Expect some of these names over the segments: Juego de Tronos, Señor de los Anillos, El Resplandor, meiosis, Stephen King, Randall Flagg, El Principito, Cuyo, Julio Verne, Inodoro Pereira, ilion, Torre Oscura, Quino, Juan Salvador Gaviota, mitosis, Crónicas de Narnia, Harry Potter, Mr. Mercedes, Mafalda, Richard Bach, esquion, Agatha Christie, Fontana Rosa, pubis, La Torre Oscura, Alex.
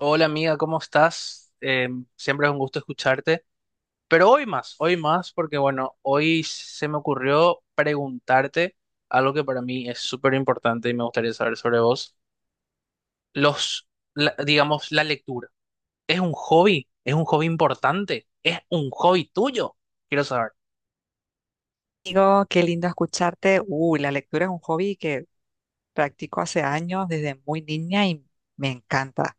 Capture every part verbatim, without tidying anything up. Hola amiga, ¿cómo estás? Eh, siempre es un gusto escucharte, pero hoy más, hoy más, porque bueno, hoy se me ocurrió preguntarte algo que para mí es súper importante y me gustaría saber sobre vos. Los, la- digamos, la lectura. ¿Es un hobby? ¿Es un hobby importante? ¿Es un hobby tuyo? Quiero saber. Digo, qué lindo escucharte. Uy, la lectura es un hobby que practico hace años, desde muy niña, y me encanta.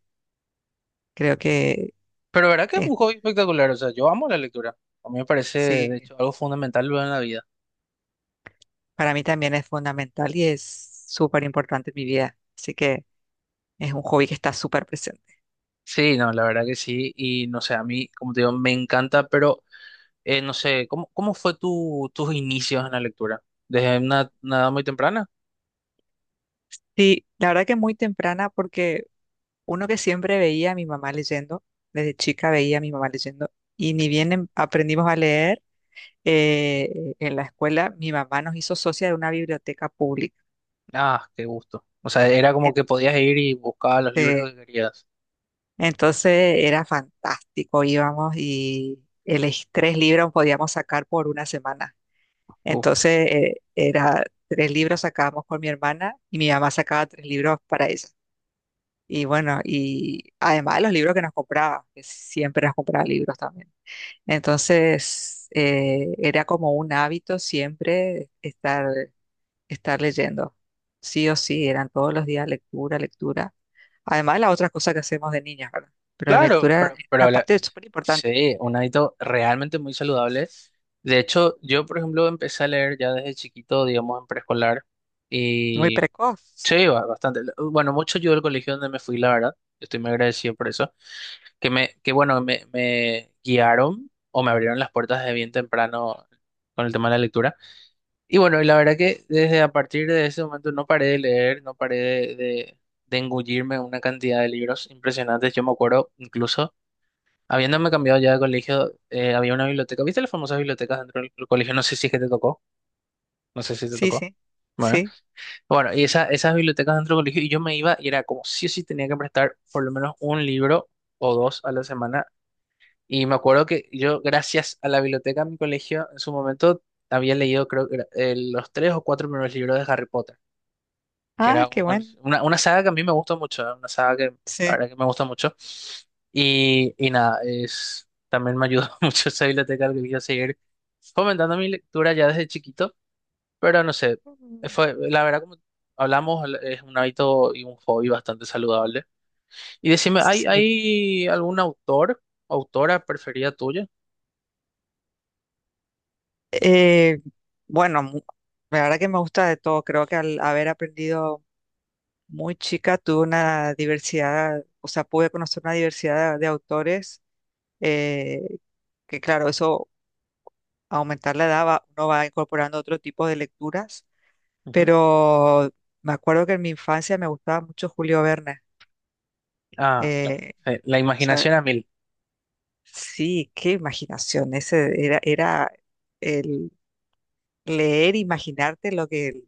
Creo que Pero ¿verdad que es es, un hobby espectacular? O sea, yo amo la lectura. A mí me parece, de sí, hecho, algo fundamental en la vida. para mí también es fundamental y es súper importante en mi vida. Así que es un hobby que está súper presente. Sí, no, la verdad que sí. Y no sé, a mí, como te digo, me encanta, pero. Eh, no sé, ¿cómo, cómo fue tu, tus inicios en la lectura? ¿Desde una, una edad muy temprana? Sí, la verdad que muy temprana, porque uno que siempre veía a mi mamá leyendo, desde chica veía a mi mamá leyendo, y ni Sí. bien em- aprendimos a leer eh, en la escuela, mi mamá nos hizo socia de una biblioteca pública. Ah, qué gusto. O sea, era como que podías ir y buscabas los libros Este, que querías. Entonces era fantástico, íbamos y el es- tres libros podíamos sacar por una semana. Uf, Entonces eh, era tres libros sacábamos por mi hermana y mi mamá sacaba tres libros para ella. Y bueno, y además de los libros que nos compraba, que siempre nos compraba libros también. Entonces eh, era como un hábito siempre estar estar leyendo. Sí o sí, eran todos los días lectura, lectura. Además, las otras cosas que hacemos de niñas, ¿verdad? Pero la claro, lectura pero, es una pero la- parte súper importante, sí, un hábito realmente muy saludable. De hecho, yo, por ejemplo, empecé a leer ya desde chiquito, digamos, en preescolar. muy Y precoz. sí, ba- bastante. Bueno, mucho ayudó el colegio donde me fui, la verdad. Estoy muy agradecido por eso. Que me, que Bueno, me, me guiaron o me abrieron las puertas de bien temprano con el tema de la lectura. Y bueno, y la verdad que desde a partir de ese momento no paré de leer, no paré de, de, de engullirme una cantidad de libros impresionantes. Yo me acuerdo incluso, habiéndome cambiado ya de colegio, eh, había una biblioteca. ¿Viste las famosas bibliotecas dentro del colegio? No sé si es que te tocó, no sé si te Sí, tocó. sí, Bueno, sí. bueno, y esa, esas bibliotecas dentro del colegio, y yo me iba y era como sí o sí tenía que prestar por lo menos un libro o dos a la semana. Y me acuerdo que yo, gracias a la biblioteca de mi colegio, en su momento había leído, creo que era, eh, los tres o cuatro primeros libros de Harry Potter, que Ah, era qué uno- bueno. una, una saga que a mí me gustó mucho, eh, una saga que la Sí. verdad que me gusta mucho. Y, y nada, es, también me ayudó mucho esa biblioteca al que quería seguir fomentando mi lectura ya desde chiquito, pero no sé, Mm. fue, la verdad, como hablamos, es un hábito y un hobby bastante saludable. Y decime, ¿hay, Sí. hay algún autor, autora preferida tuya? Eh, bueno, mu- la verdad que me gusta de todo. Creo que al haber aprendido muy chica, tuve una diversidad, o sea, pude conocer una diversidad de autores, eh, que claro, eso aumentar la edad, va- uno va incorporando otro tipo de lecturas, Ujú. pero me acuerdo que en mi infancia me gustaba mucho Julio Verne. Ah, claro. eh, Sí, La o sea, imaginación a mil. sí, qué imaginación, ese era, era el leer, imaginarte lo que,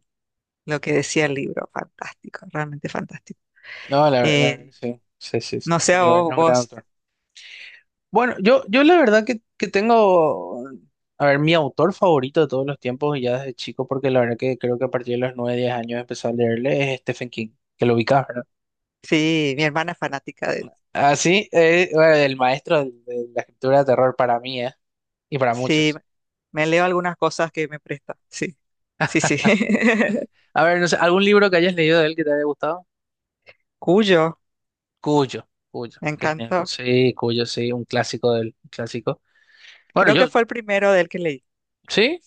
lo que decía el libro, fantástico, realmente fantástico. No, la, ver- la verdad que Eh, sí. Sí, sí, sí. no sé, a Julio Verne es vos, un gran vos, autor. Bueno, yo, yo la verdad que, que tengo, a ver, mi autor favorito de todos los tiempos y ya desde chico, porque la verdad que creo que a partir de los nueve diez años empecé a leerle es Stephen King, que lo ubicás, ¿verdad? sí, mi hermana es fanática de... Así, eh, bueno, el maestro de de la escritura de terror para mí, ¿eh? Y para Sí, muchos. me leo algunas cosas que me presta, sí, sí, sí. A ver, no sé, ¿algún libro que hayas leído de él que te haya gustado? Cuyo, Cuyo, Cuyo, me qué genial. encantó. Sí, Cuyo, sí, un clásico del un clásico. Bueno, Creo que yo, fue el primero del que leí. sí.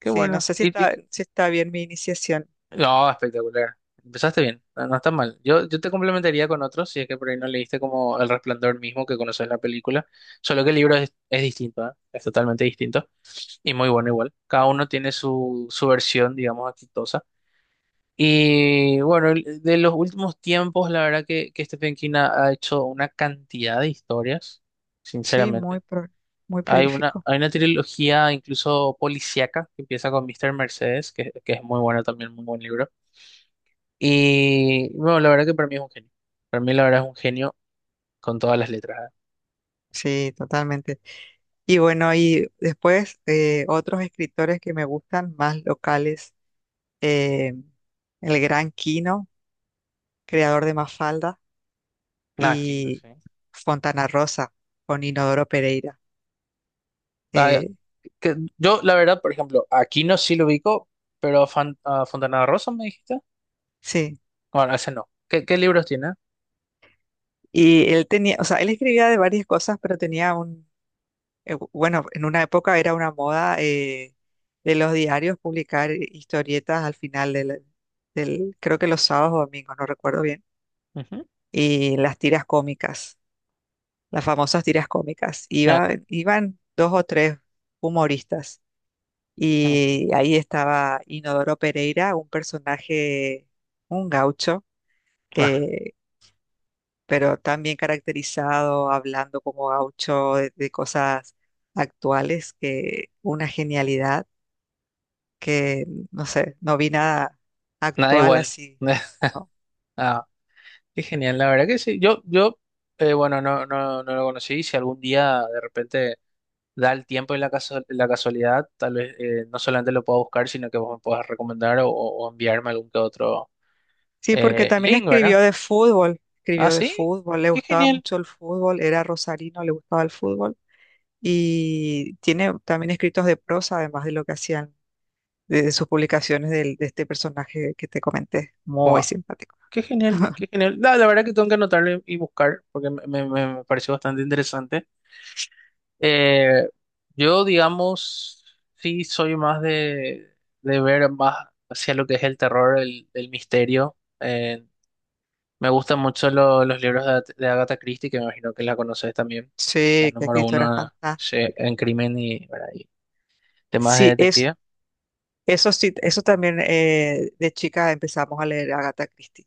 Qué Sí, no bueno. sé si Y, está, y- si está bien mi iniciación. no, espectacular. Empezaste bien, no, no está mal. Yo, yo te complementaría con otros, si es que por ahí no leíste como El Resplandor mismo que conoces la película, solo que el libro es, es distinto, ¿eh? Es totalmente distinto y muy bueno igual. Cada uno tiene su, su versión, digamos, exitosa. Y bueno, el- de los últimos tiempos, la verdad que, que Stephen King ha, ha hecho una cantidad de historias, Sí, muy, sinceramente. pro- muy Hay una, prolífico. hay una trilogía incluso policíaca que empieza con míster Mercedes, que, que es muy bueno también, muy buen libro. Y bueno, la verdad que para mí es un genio. Para mí la verdad es un genio con todas las letras. Sí, totalmente. Y bueno, y después eh, otros escritores que me gustan, más locales, eh, el gran Quino, creador de Mafalda, Nada, que no y sé. Fontana Rosa, con Inodoro Pereira. Ah, Eh, que- yo la verdad, por ejemplo, aquí no sí lo ubico, pero a Fan- a Fontana Rosa me dijiste. sí, Bueno, ese no. ¿Qué, qué libros tiene? y él tenía, o sea, él escribía de varias cosas, pero tenía un eh, bu- bueno, en una época era una moda eh, de los diarios publicar eh, historietas al final del, del- creo que los sábados o domingos, no recuerdo bien, Ujú. y las tiras cómicas, las famosas tiras cómicas. Ah, Iba, claro. Iban dos o tres humoristas Mm. y ahí estaba Inodoro Pereira, un personaje, un gaucho, Ah, eh, pero también caracterizado, hablando como gaucho de de cosas actuales, que una genialidad. Que, no sé, no vi nada nada actual igual. así. ¿No? Ah, qué genial, la verdad que sí. Yo, yo, eh, bueno, no, no, no lo conocí. Si algún día de repente da el tiempo y la casu- la casualidad, tal vez eh, no solamente lo puedo buscar, sino que vos me puedas recomendar o, o enviarme algún que otro. Sí, porque Eh, también Link, ¿verdad? escribió de fútbol, Ah, escribió de sí. fútbol, le Qué gustaba genial. mucho el fútbol, era rosarino, le gustaba el fútbol y tiene también escritos de prosa, además de lo que hacían de, de sus publicaciones del- de, este personaje que te comenté, muy Wow. simpático. Qué genial, qué genial. La, la verdad que tengo que anotarle y buscar porque me, me- me pareció bastante interesante. Eh, yo, digamos, sí soy más de, de ver más hacia lo que es el terror, el, el misterio. Eh, me gustan mucho lo- los libros de, At- de Agatha Christie, que me imagino que la conoces también. La Sí, que número esto era uno sí, fantástico. en crimen y, ¿verdad? Y temas de Sí, es, detective. Eso sí, eso también eh, de chica empezamos a leer a Agatha Christie.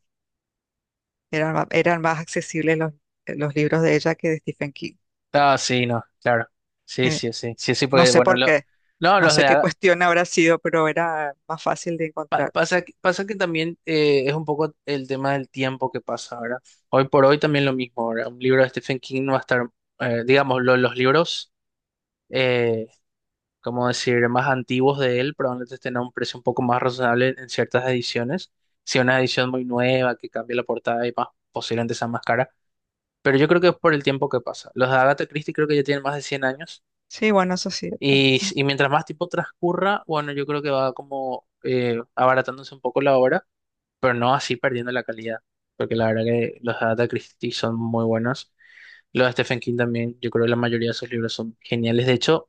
Eran, ma- eran más accesibles los, eh, los libros de ella que de Stephen King. Ah, sí, no, claro. Sí, Eh, sí, sí, sí, sí, no porque sé bueno, por lo, qué, no, no los sé de qué a- cuestión habrá sido, pero era más fácil de pa- encontrar. pasa, que- pasa que también eh, es un poco el tema del tiempo que pasa, ¿verdad? Hoy por hoy también lo mismo, ¿verdad? Un libro de Stephen King no va a estar, eh, digamos, lo- los libros, eh, como decir, más antiguos de él, probablemente estén a un precio un poco más razonable en ciertas ediciones. Si una edición muy nueva que cambie la portada y más, posiblemente sea más cara. Pero yo creo que es por el tiempo que pasa. Los de Agatha Christie creo que ya tienen más de cien años. Sí, bueno, eso es cierto. Y, y mientras más tiempo transcurra, bueno, yo creo que va como eh, abaratándose un poco la obra, pero no así perdiendo la calidad, porque la verdad que los de Agatha Christie son muy buenos. Los de Stephen King también, yo creo que la mayoría de sus libros son geniales. De hecho,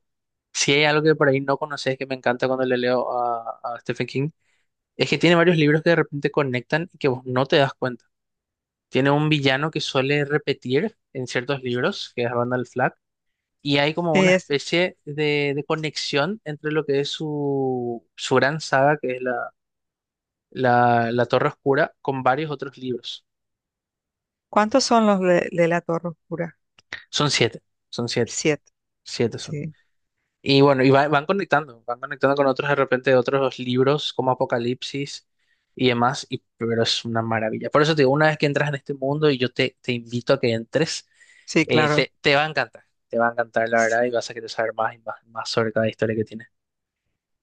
si hay algo que por ahí no conoces que me encanta cuando le leo a, a Stephen King, es que tiene varios libros que de repente conectan y que vos no te das cuenta. Tiene un villano que suele repetir en ciertos libros, que es Randall Flagg y hay como una Es, especie de, de conexión entre lo que es su, su gran saga, que es la, la, la Torre Oscura, con varios otros libros. ¿cuántos son los de, de La Torre Oscura? Son siete, son siete, Siete. siete son. Sí, Y bueno, y va- van conectando, van conectando con otros de repente de otros libros como Apocalipsis y demás, y, pero es una maravilla. Por eso te digo, una vez que entras en este mundo y yo te, te invito a que entres, sí, eh, claro. te, te va a encantar, te va a encantar la S- verdad y vas a querer saber más y más, más sobre cada historia que tiene.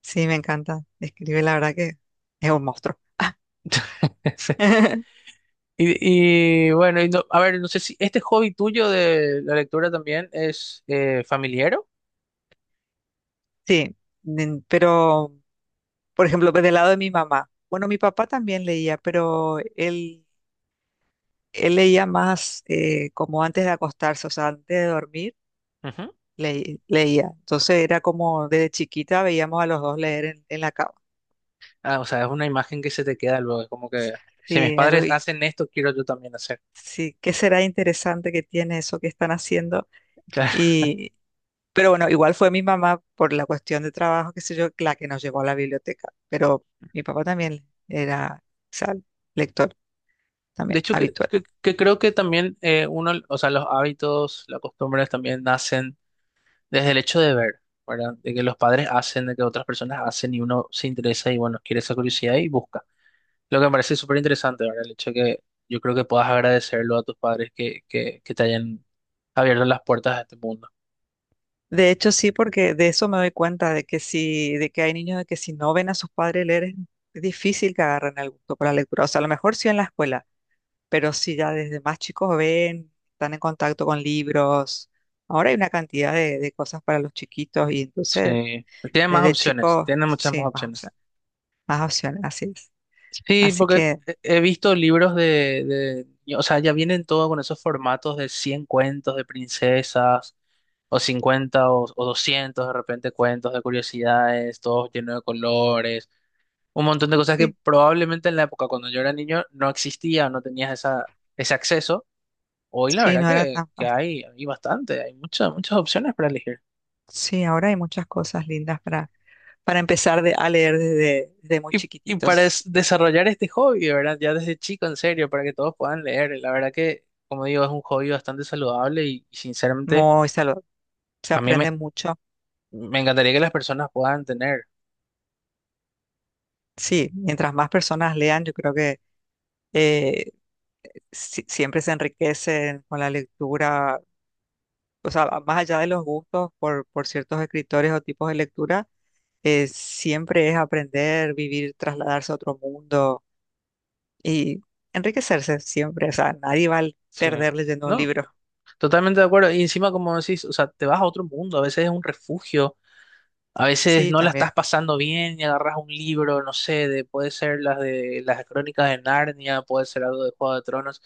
Sí, me encanta. Escribe, la verdad que es un monstruo. Y, y bueno, y no- a ver, no sé si este hobby tuyo de la lectura también es eh, familiero. Sí, nen- pero, por ejemplo, del lado de mi mamá. Bueno, mi papá también leía, pero él él leía más eh, como antes de acostarse, o sea, antes de dormir, Ujú. le- leía. Entonces era como desde chiquita veíamos a los dos leer en, en la cama. Ah, o sea, es una imagen que se te queda luego, es como que si mis Sí, algo padres y- hacen esto, quiero yo también hacer. sí, ¿qué será interesante que tiene eso que están haciendo? Claro. Y, pero bueno, igual fue mi mamá por la cuestión de trabajo, qué sé yo, la que nos llevó a la biblioteca. Pero mi papá también era, o sea, lector De también hecho, que, habitual. que, que creo que también eh, uno, o sea, los hábitos, las costumbres también nacen desde el hecho de ver, ¿verdad? De que los padres hacen, de que otras personas hacen y uno se interesa y bueno, quiere esa curiosidad y busca. Lo que me parece súper interesante, ¿verdad? El hecho que yo creo que puedas agradecerlo a tus padres que, que, que te hayan abierto las puertas a este mundo. De hecho, sí, porque de eso me doy cuenta, de que si, de que hay niños de que si no ven a sus padres leer, es es difícil que agarren el gusto por la lectura. O sea, a lo mejor sí en la escuela, pero si ya desde más chicos ven, están en contacto con libros. Ahora hay una cantidad de, de cosas para los chiquitos y entonces Sí, tienen más desde opciones, chicos, tienen muchas más sí, más opciones. opciones, más opciones, así es. Sí, Así porque que he he visto libros de, de, o sea, ya vienen todo con esos formatos de cien cuentos de princesas, o cincuenta o, o doscientos de repente cuentos de curiosidades, todos llenos de colores, un montón de cosas que sí, probablemente en la época cuando yo era niño no existía o no tenías esa, ese acceso. Hoy la sí, verdad no era que, tan que fácil. hay, hay bastante, hay muchas, muchas opciones para elegir. Sí, ahora hay muchas cosas lindas para, para empezar de- a leer desde, desde muy Y, y para chiquititos. es- desarrollar este hobby, de verdad, ya desde chico, en serio, para que todos puedan leer. La verdad que, como digo, es un hobby bastante saludable y, y sinceramente Muy saludable. Se a mí aprende me, mucho. me encantaría que las personas puedan tener. Sí, mientras más personas lean, yo creo que eh, si- siempre se enriquecen con la lectura, o sea, a- más allá de los gustos por, por ciertos escritores o tipos de lectura, eh, siempre es aprender, vivir, trasladarse a otro mundo y enriquecerse siempre. O sea, nadie va a Sí. perder leyendo un No, libro. totalmente de acuerdo. Y encima, como decís, o sea, te vas a otro mundo, a veces es un refugio, a veces Sí, no la también estás pasando bien y agarras un libro, no sé, de, puede ser las de las crónicas de Narnia, puede ser algo de Juego de Tronos.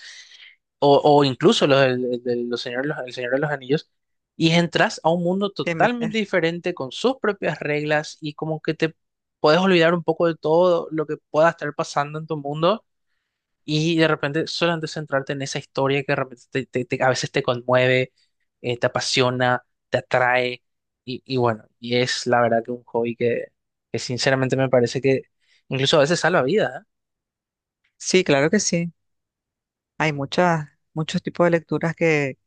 o, o incluso los, del- el, del- los señor, los- el Señor de los Anillos, y entras a un mundo te totalmente metes. diferente con sus propias reglas y como que te puedes olvidar un poco de todo lo que pueda estar pasando en tu mundo y de repente solamente centrarte en esa historia que de repente te- te- te- a veces te conmueve, eh, te apasiona, te atrae y, y bueno, y es la verdad que un hobby que, que sinceramente me parece que incluso a veces salva vidas, ¿eh? Sí, claro que sí. Hay muchas, muchos tipos de lecturas que,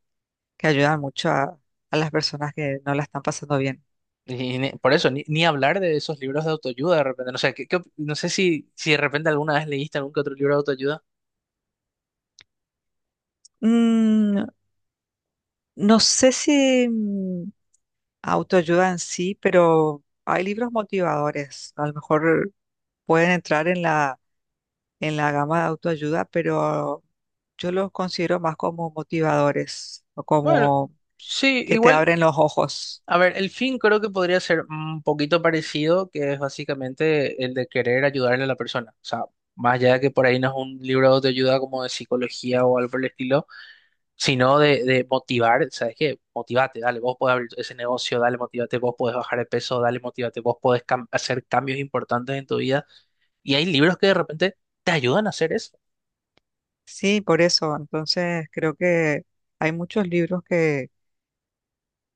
que ayudan mucho a a las personas que no la están pasando bien. Y ni- por eso, ni, ni hablar de esos libros de autoayuda de repente. No sé, ¿qué- qué op- no sé si, si de repente alguna vez leíste algún que otro libro de autoayuda. Mm, no sé si mm, autoayuda en sí, pero hay libros motivadores. A lo mejor pueden entrar en la, en la gama de autoayuda, pero yo los considero más como motivadores o Bueno, como sí, que te igual, abren los ojos. a ver, el fin creo que podría ser un poquito parecido, que es básicamente el de querer ayudarle a la persona. O sea, más allá de que por ahí no es un libro de autoayuda como de psicología o algo por el estilo, sino de, de motivar, ¿sabes qué? Motivate, dale, vos podés abrir ese negocio, dale, motivate, vos podés bajar de peso, dale, motivate, vos podés cam- hacer cambios importantes en tu vida. Y hay libros que de repente te ayudan a hacer eso. Sí, por eso. Entonces creo que hay muchos libros que,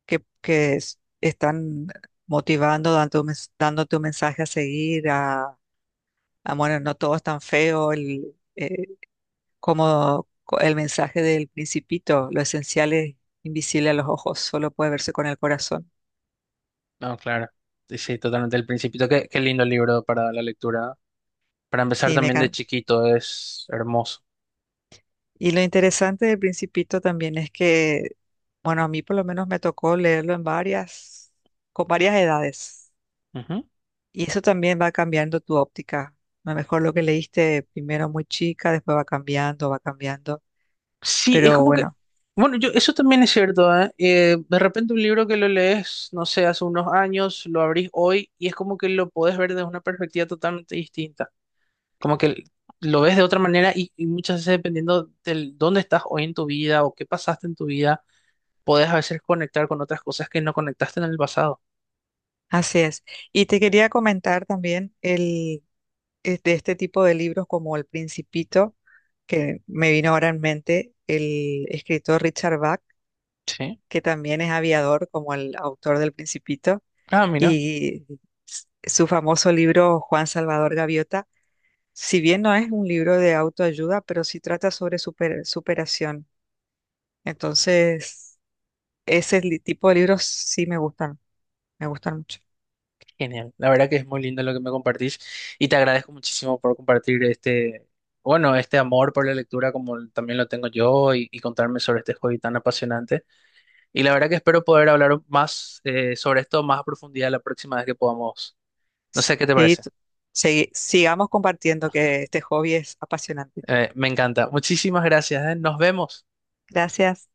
que, que es- están motivando, dando, dándote un mensaje a seguir, a, a, bueno, no todo es tan feo. Como co- el mensaje del Principito, lo esencial es invisible a los ojos, solo puede verse con el corazón. No, claro. Sí, sí, totalmente. El Principito, qué, qué lindo libro para la lectura. Para empezar Sí, me también de can- chiquito, es hermoso. Y lo interesante del Principito también es que, bueno, a mí por lo menos me tocó leerlo en varias, con varias edades. Ujú. Y eso también va cambiando tu óptica. A lo mejor lo que leíste primero muy chica, después va cambiando, va cambiando. Sí, es Pero como que, bueno. bueno, yo, eso también es cierto, ¿eh? Eh, de repente un libro que lo lees, no sé, hace unos años, lo abrís hoy y es como que lo podés ver desde una perspectiva totalmente distinta. Como que lo ves de otra manera y, y muchas veces dependiendo del dónde estás hoy en tu vida o qué pasaste en tu vida, podés a veces conectar con otras cosas que no conectaste en el pasado. Así es. Y te quería comentar también el, es de este tipo de libros como El Principito, que me vino ahora en mente, el escritor Richard Bach, Sí. que también es aviador como el autor del Principito, Ah, mira, y s- su famoso libro Juan Salvador Gaviota, si bien no es un libro de autoayuda, pero sí trata sobre super- superación. Entonces, ese li- tipo de libros sí me gustan, me gustan mucho. genial. La verdad que es muy lindo lo que me compartís y te agradezco muchísimo por compartir este, bueno, este amor por la lectura como l- también lo tengo yo y, y contarme sobre este hobby tan apasionante. Y la verdad que espero poder hablar más eh, sobre esto más a profundidad la próxima vez que podamos. No sé qué te Sí, parece. t- segui- sigamos compartiendo que este hobby es apasionante. Eh, me encanta. Muchísimas gracias, ¿eh? Nos vemos. Gracias.